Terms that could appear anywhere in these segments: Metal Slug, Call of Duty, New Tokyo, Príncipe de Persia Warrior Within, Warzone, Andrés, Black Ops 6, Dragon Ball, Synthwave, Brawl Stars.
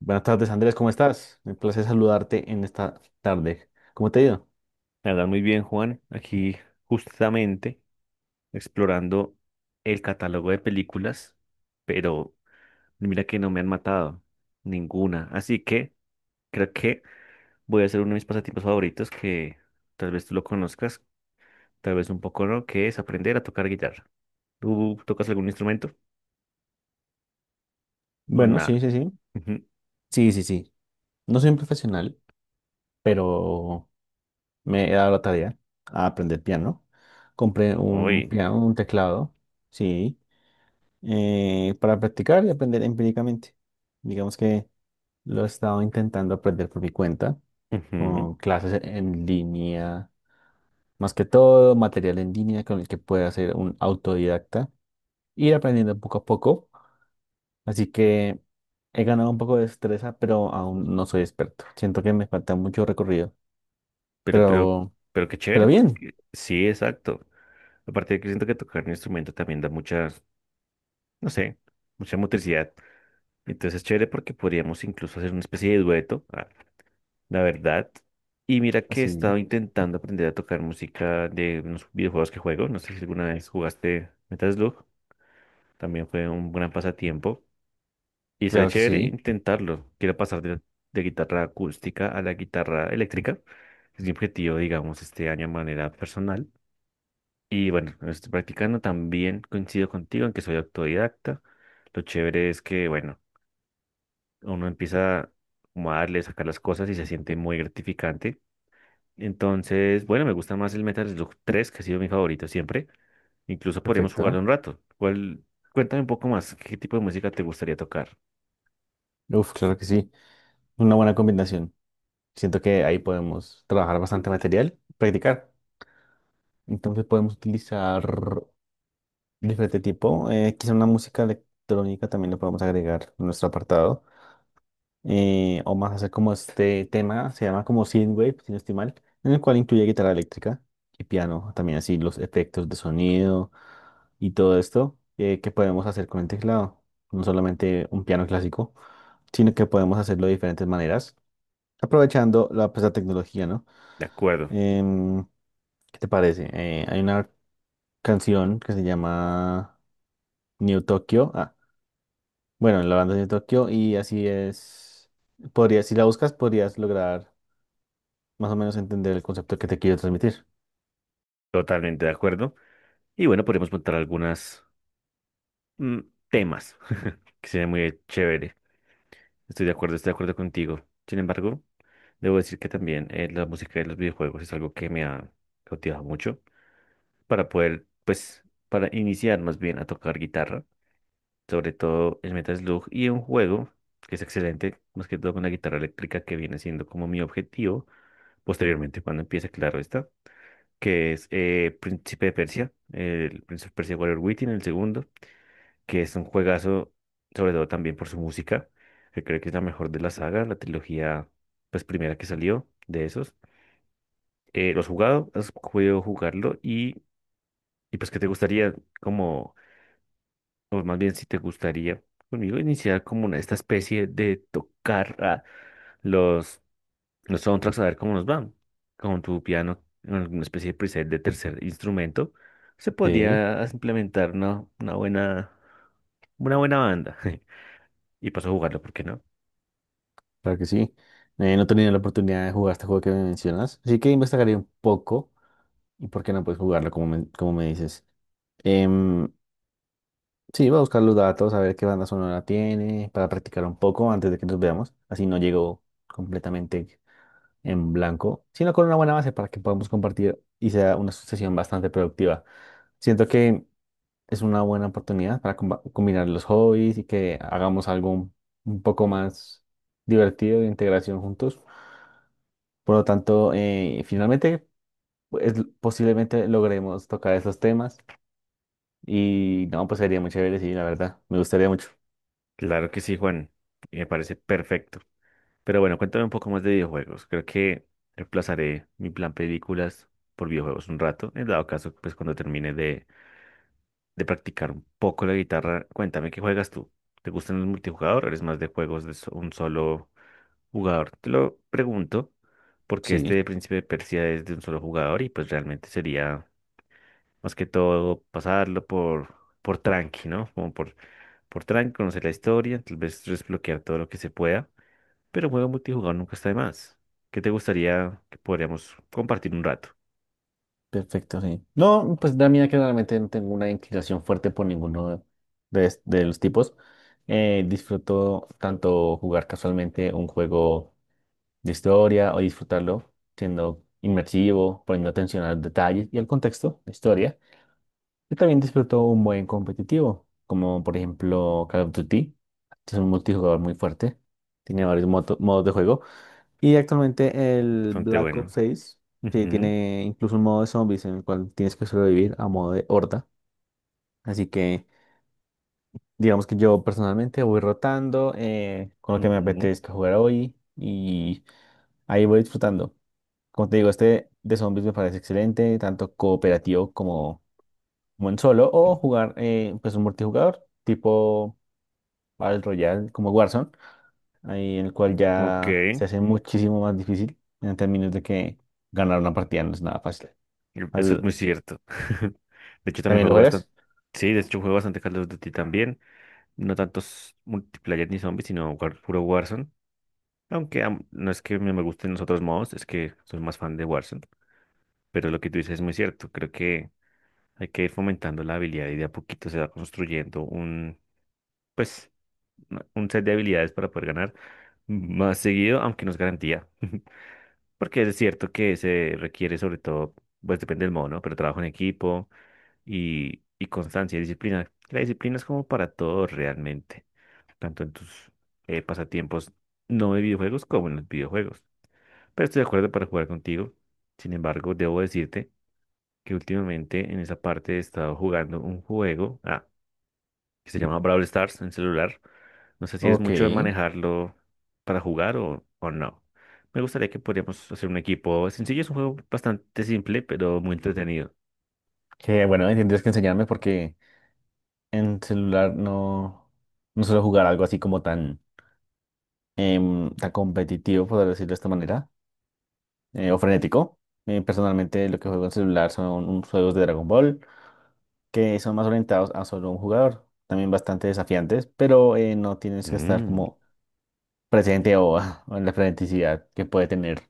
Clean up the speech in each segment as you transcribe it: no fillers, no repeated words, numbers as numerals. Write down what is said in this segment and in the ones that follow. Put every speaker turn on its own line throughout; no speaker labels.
Buenas tardes, Andrés, ¿cómo estás? Un placer saludarte en esta tarde. ¿Cómo te ha ido?
La verdad, muy bien, Juan. Aquí justamente explorando el catálogo de películas, pero mira que no me han matado ninguna. Así que creo que voy a hacer uno de mis pasatiempos favoritos que tal vez tú lo conozcas, tal vez un poco no, que es aprender a tocar guitarra. ¿Tú tocas algún instrumento? O
Bueno,
nada.
sí, sí, sí.
Ujú.
Sí, sí, sí. No soy un profesional, pero me he dado la tarea a aprender piano. Compré un
Uy.
piano, un teclado, sí, para practicar y aprender empíricamente. Digamos que lo he estado intentando aprender por mi cuenta,
Ujú.
con clases en línea, más que todo, material en línea con el que pueda ser un autodidacta, ir aprendiendo poco a poco. Así que he ganado un poco de destreza, pero aún no soy experto. Siento que me falta mucho recorrido.
Pero, pero,
Pero,
pero qué
pero
chévere
bien.
porque sí, exacto. Aparte de que siento que tocar un instrumento también da muchas, no sé, mucha motricidad. Entonces es chévere porque podríamos incluso hacer una especie de dueto, ah, la verdad. Y mira que he
Así,
estado intentando aprender a tocar música de unos videojuegos que juego. No sé si alguna vez jugaste Metal Slug. También fue un gran pasatiempo. Y sería
claro que
chévere
sí.
intentarlo. Quiero pasar de guitarra acústica a la guitarra eléctrica. Es mi objetivo, digamos, este año de manera personal. Y bueno, lo estoy practicando. También coincido contigo en que soy autodidacta. Lo chévere es que, bueno, uno empieza como a darle, sacar las cosas y se siente muy gratificante. Entonces, bueno, me gusta más el Metal Slug tres que ha sido mi favorito siempre. Incluso podríamos jugarlo
Perfecto.
un rato. ¿Cuál- Cuéntame un poco más, qué tipo de música te gustaría tocar?
Uf, claro que sí. Una buena combinación. Siento que ahí podemos trabajar bastante material, practicar. Entonces podemos utilizar diferente tipo. Quizá una música electrónica también lo podemos agregar en nuestro apartado, o más hacer como este tema, se llama como Synthwave, si no estoy mal, en el cual incluye guitarra eléctrica y piano, también así los efectos de sonido y todo esto, que podemos hacer con el teclado, no solamente un piano clásico, sino que podemos hacerlo de diferentes maneras, aprovechando la, pues, la tecnología, ¿no?
De acuerdo,
Em, ¿Qué te parece? Hay una canción que se llama New Tokyo, ah, bueno, la banda es New Tokyo y así es, podrías, si la buscas, podrías lograr más o menos entender el concepto que te quiero transmitir.
totalmente de acuerdo. Y bueno, podríamos montar algunos temas, que sería muy chévere. Estoy de acuerdo contigo. Sin embargo, debo decir que también la música de los videojuegos es algo que me ha cautivado mucho. Para poder, pues, para iniciar más bien a tocar guitarra, sobre todo el Metal Slug y un juego que es excelente, más que todo con la guitarra eléctrica que viene siendo como mi objetivo posteriormente cuando empiece, claro está, que es Príncipe de Persia, el Príncipe de Persia Warrior Within, el segundo, que es un juegazo, sobre todo también por su música, que creo que es la mejor de la saga, la trilogía, pues, primera que salió de esos. ¿Lo has jugado? ¿Has podido jugarlo? Y pues, ¿qué te gustaría como? O más bien, si te gustaría conmigo iniciar como una, esta especie de tocar a los, los soundtracks, a ver cómo nos van. Con tu piano, con alguna especie de preset de tercer instrumento, se
Sí,
podría implementar una buena, una buena banda. Y paso a jugarlo, ¿por qué no?
claro que sí. No he tenido la oportunidad de jugar este juego que me mencionas, así que investigaré un poco y por qué no puedes jugarlo, como me dices. Em, sí, voy a buscar los datos, a ver qué banda sonora tiene, para practicar un poco antes de que nos veamos. Así no llego completamente en blanco, sino con una buena base para que podamos compartir y sea una sesión bastante productiva. Siento que es una buena oportunidad para combinar los hobbies y que hagamos algo un poco más divertido de integración juntos. Por lo tanto, finalmente, pues, posiblemente logremos tocar esos temas y no, pues sería muy chévere, sí, la verdad, me gustaría mucho.
Claro que sí, Juan. Y me parece perfecto. Pero bueno, cuéntame un poco más de videojuegos. Creo que reemplazaré mi plan películas por videojuegos un rato. En dado caso, pues cuando termine de practicar un poco la guitarra, cuéntame qué juegas tú. ¿Te gustan los multijugador o eres más de juegos de so- un solo jugador? Te lo pregunto porque
Sí,
este de Príncipe de Persia es de un solo jugador y pues realmente sería más que todo pasarlo por tranqui, ¿no? Como por Trank, conocer la historia, tal vez desbloquear todo lo que se pueda, pero un juego multijugador nunca está de más. ¿Qué te gustaría que podríamos compartir un rato?
perfecto, sí. No, pues da mira que realmente no tengo una inclinación fuerte por ninguno de los tipos. Disfruto tanto jugar casualmente un juego de historia o disfrutarlo siendo inmersivo, poniendo atención a los detalles y al contexto de historia. Yo también disfruto un buen competitivo, como por ejemplo Call of Duty, que es un multijugador muy fuerte, tiene varios modos de juego. Y actualmente el
Bastante
Black Ops
bueno.
6, que
Ujú,
tiene incluso un modo de zombies en el cual tienes que sobrevivir a modo de horda. Así que digamos que yo personalmente voy rotando, con lo que me
ujú,
apetezca jugar hoy, y ahí voy disfrutando. Como te digo, este de zombies me parece excelente, tanto cooperativo como, como en solo, o jugar, pues un multijugador tipo Battle Royale como Warzone, ahí en el cual
ok,
ya se hace muchísimo más difícil en términos de que ganar una partida no es nada fácil.
eso es
Al-
muy cierto. De hecho, también
¿También lo
juego bastante.
juegas?
Sí, de hecho, juego bastante Call of Duty también. No tantos multiplayer ni zombies, sino war- puro Warzone. Aunque am- no es que me gusten los otros modos, es que soy más fan de Warzone. Pero lo que tú dices es muy cierto. Creo que hay que ir fomentando la habilidad y de a poquito se va construyendo un, pues, una- un set de habilidades para poder ganar más seguido, aunque no es garantía. Porque es cierto que se requiere sobre todo, pues, depende del modo, ¿no? Pero trabajo en equipo y constancia y disciplina. La disciplina es como para todo realmente, tanto en tus pasatiempos no de videojuegos como en los videojuegos. Pero estoy de acuerdo para jugar contigo. Sin embargo, debo decirte que últimamente en esa parte he estado jugando un juego. Ah, que se llama Brawl Stars en celular. No sé si es
Ok,
mucho de manejarlo para jugar o no. Me gustaría que podríamos hacer un equipo sencillo. Es un juego bastante simple, pero muy entretenido.
que bueno, ahí tendrías que enseñarme porque en celular no, no suelo jugar algo así como tan, tan competitivo, por decirlo de esta manera, o frenético. Personalmente lo que juego en celular son unos juegos de Dragon Ball que son más orientados a solo un jugador, también bastante desafiantes, pero, no tienes que estar
Mm.
como presente o, o en la freneticidad que puede tener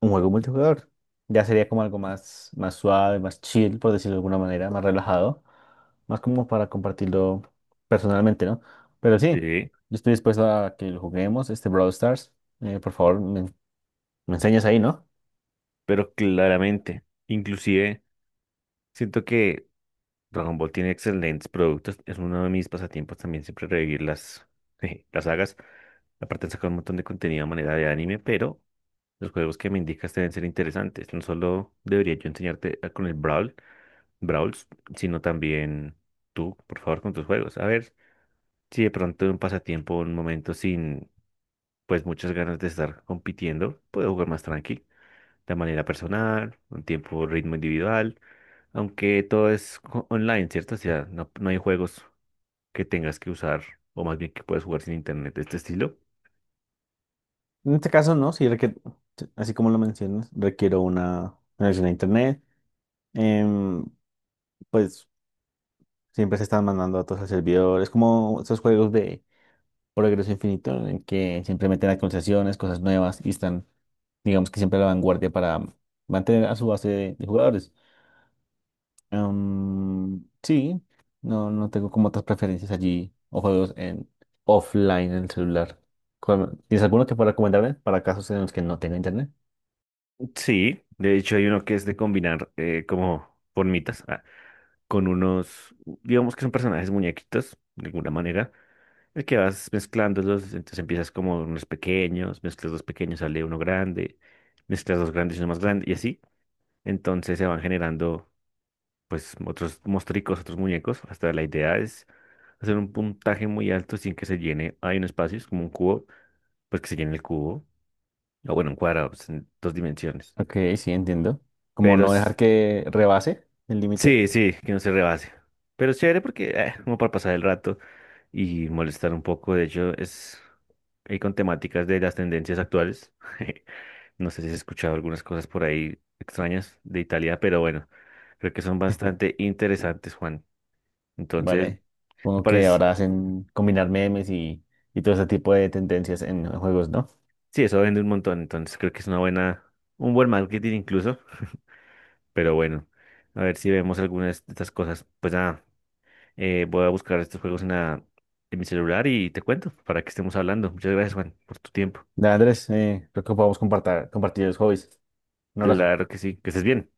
un juego multijugador. Ya sería como algo más, más suave, más chill, por decirlo de alguna manera, más relajado, más como para compartirlo personalmente, ¿no? Pero sí,
Sí,
yo estoy dispuesto a que lo juguemos, este Brawl Stars. Por favor, me enseñas ahí, ¿no?
pero claramente, inclusive siento que Dragon Ball tiene excelentes productos. Es uno de mis pasatiempos también siempre revivir las, las sagas. Aparte han sacado un montón de contenido a manera de anime, pero los juegos que me indicas deben ser interesantes. No solo debería yo enseñarte a- con el Brawl, Brawls, sino también tú, por favor, con tus juegos. A ver si de pronto un pasatiempo, un momento sin, pues, muchas ganas de estar compitiendo, puedo jugar más tranqui, de manera personal, un tiempo, ritmo individual, aunque todo es co- online, ¿cierto? O sea, no, no hay juegos que tengas que usar, o más bien que puedes jugar sin internet de este estilo.
En este caso, no, sí requiere, así como lo mencionas, requiero una conexión a internet. Em, pues siempre se están mandando datos al servidor. Es como esos juegos de progreso infinito en que siempre meten actualizaciones, cosas nuevas y están, digamos que siempre a la vanguardia para mantener a su base de jugadores. Sí, no, no tengo como otras preferencias allí o juegos en offline en el celular. ¿Cuál- ¿Tienes alguno que pueda recomendarme para casos en los que no tenga internet?
Sí, de hecho hay uno que es de combinar como formitas ah, con unos, digamos que son personajes muñequitos, de alguna manera, el que vas mezclándolos, entonces empiezas como unos pequeños, mezclas dos pequeños, sale uno grande, mezclas dos grandes y uno más grande, y así. Entonces se van generando pues otros mostricos, otros muñecos, hasta la idea es hacer un puntaje muy alto sin que se llene, hay un espacio, es como un cubo, pues que se llene el cubo, o bueno, un cuadrado, pues, en dos dimensiones.
Ok, sí, entiendo. Como
Pero
no dejar
s-
que rebase el límite.
sí, sí, que no se rebase. Pero es chévere porque, como para pasar el rato y molestar un poco, de hecho, es ahí con temáticas de las tendencias actuales. No sé si has escuchado algunas cosas por ahí extrañas de Italia, pero bueno, creo que son bastante interesantes, Juan. Entonces,
Vale.
me
Supongo que
parece,
ahora hacen combinar memes y todo ese tipo de tendencias en juegos, ¿no?
sí, eso vende un montón, entonces creo que es una buena, un buen marketing incluso, pero bueno, a ver si vemos algunas de estas cosas. Pues nada. Voy a buscar estos juegos en la, en mi celular y te cuento para que estemos hablando. Muchas gracias, Juan, por tu tiempo.
Dale, Andrés, creo que podemos compartir, compartir los hobbies. Un abrazo.
Claro que sí, que estés bien.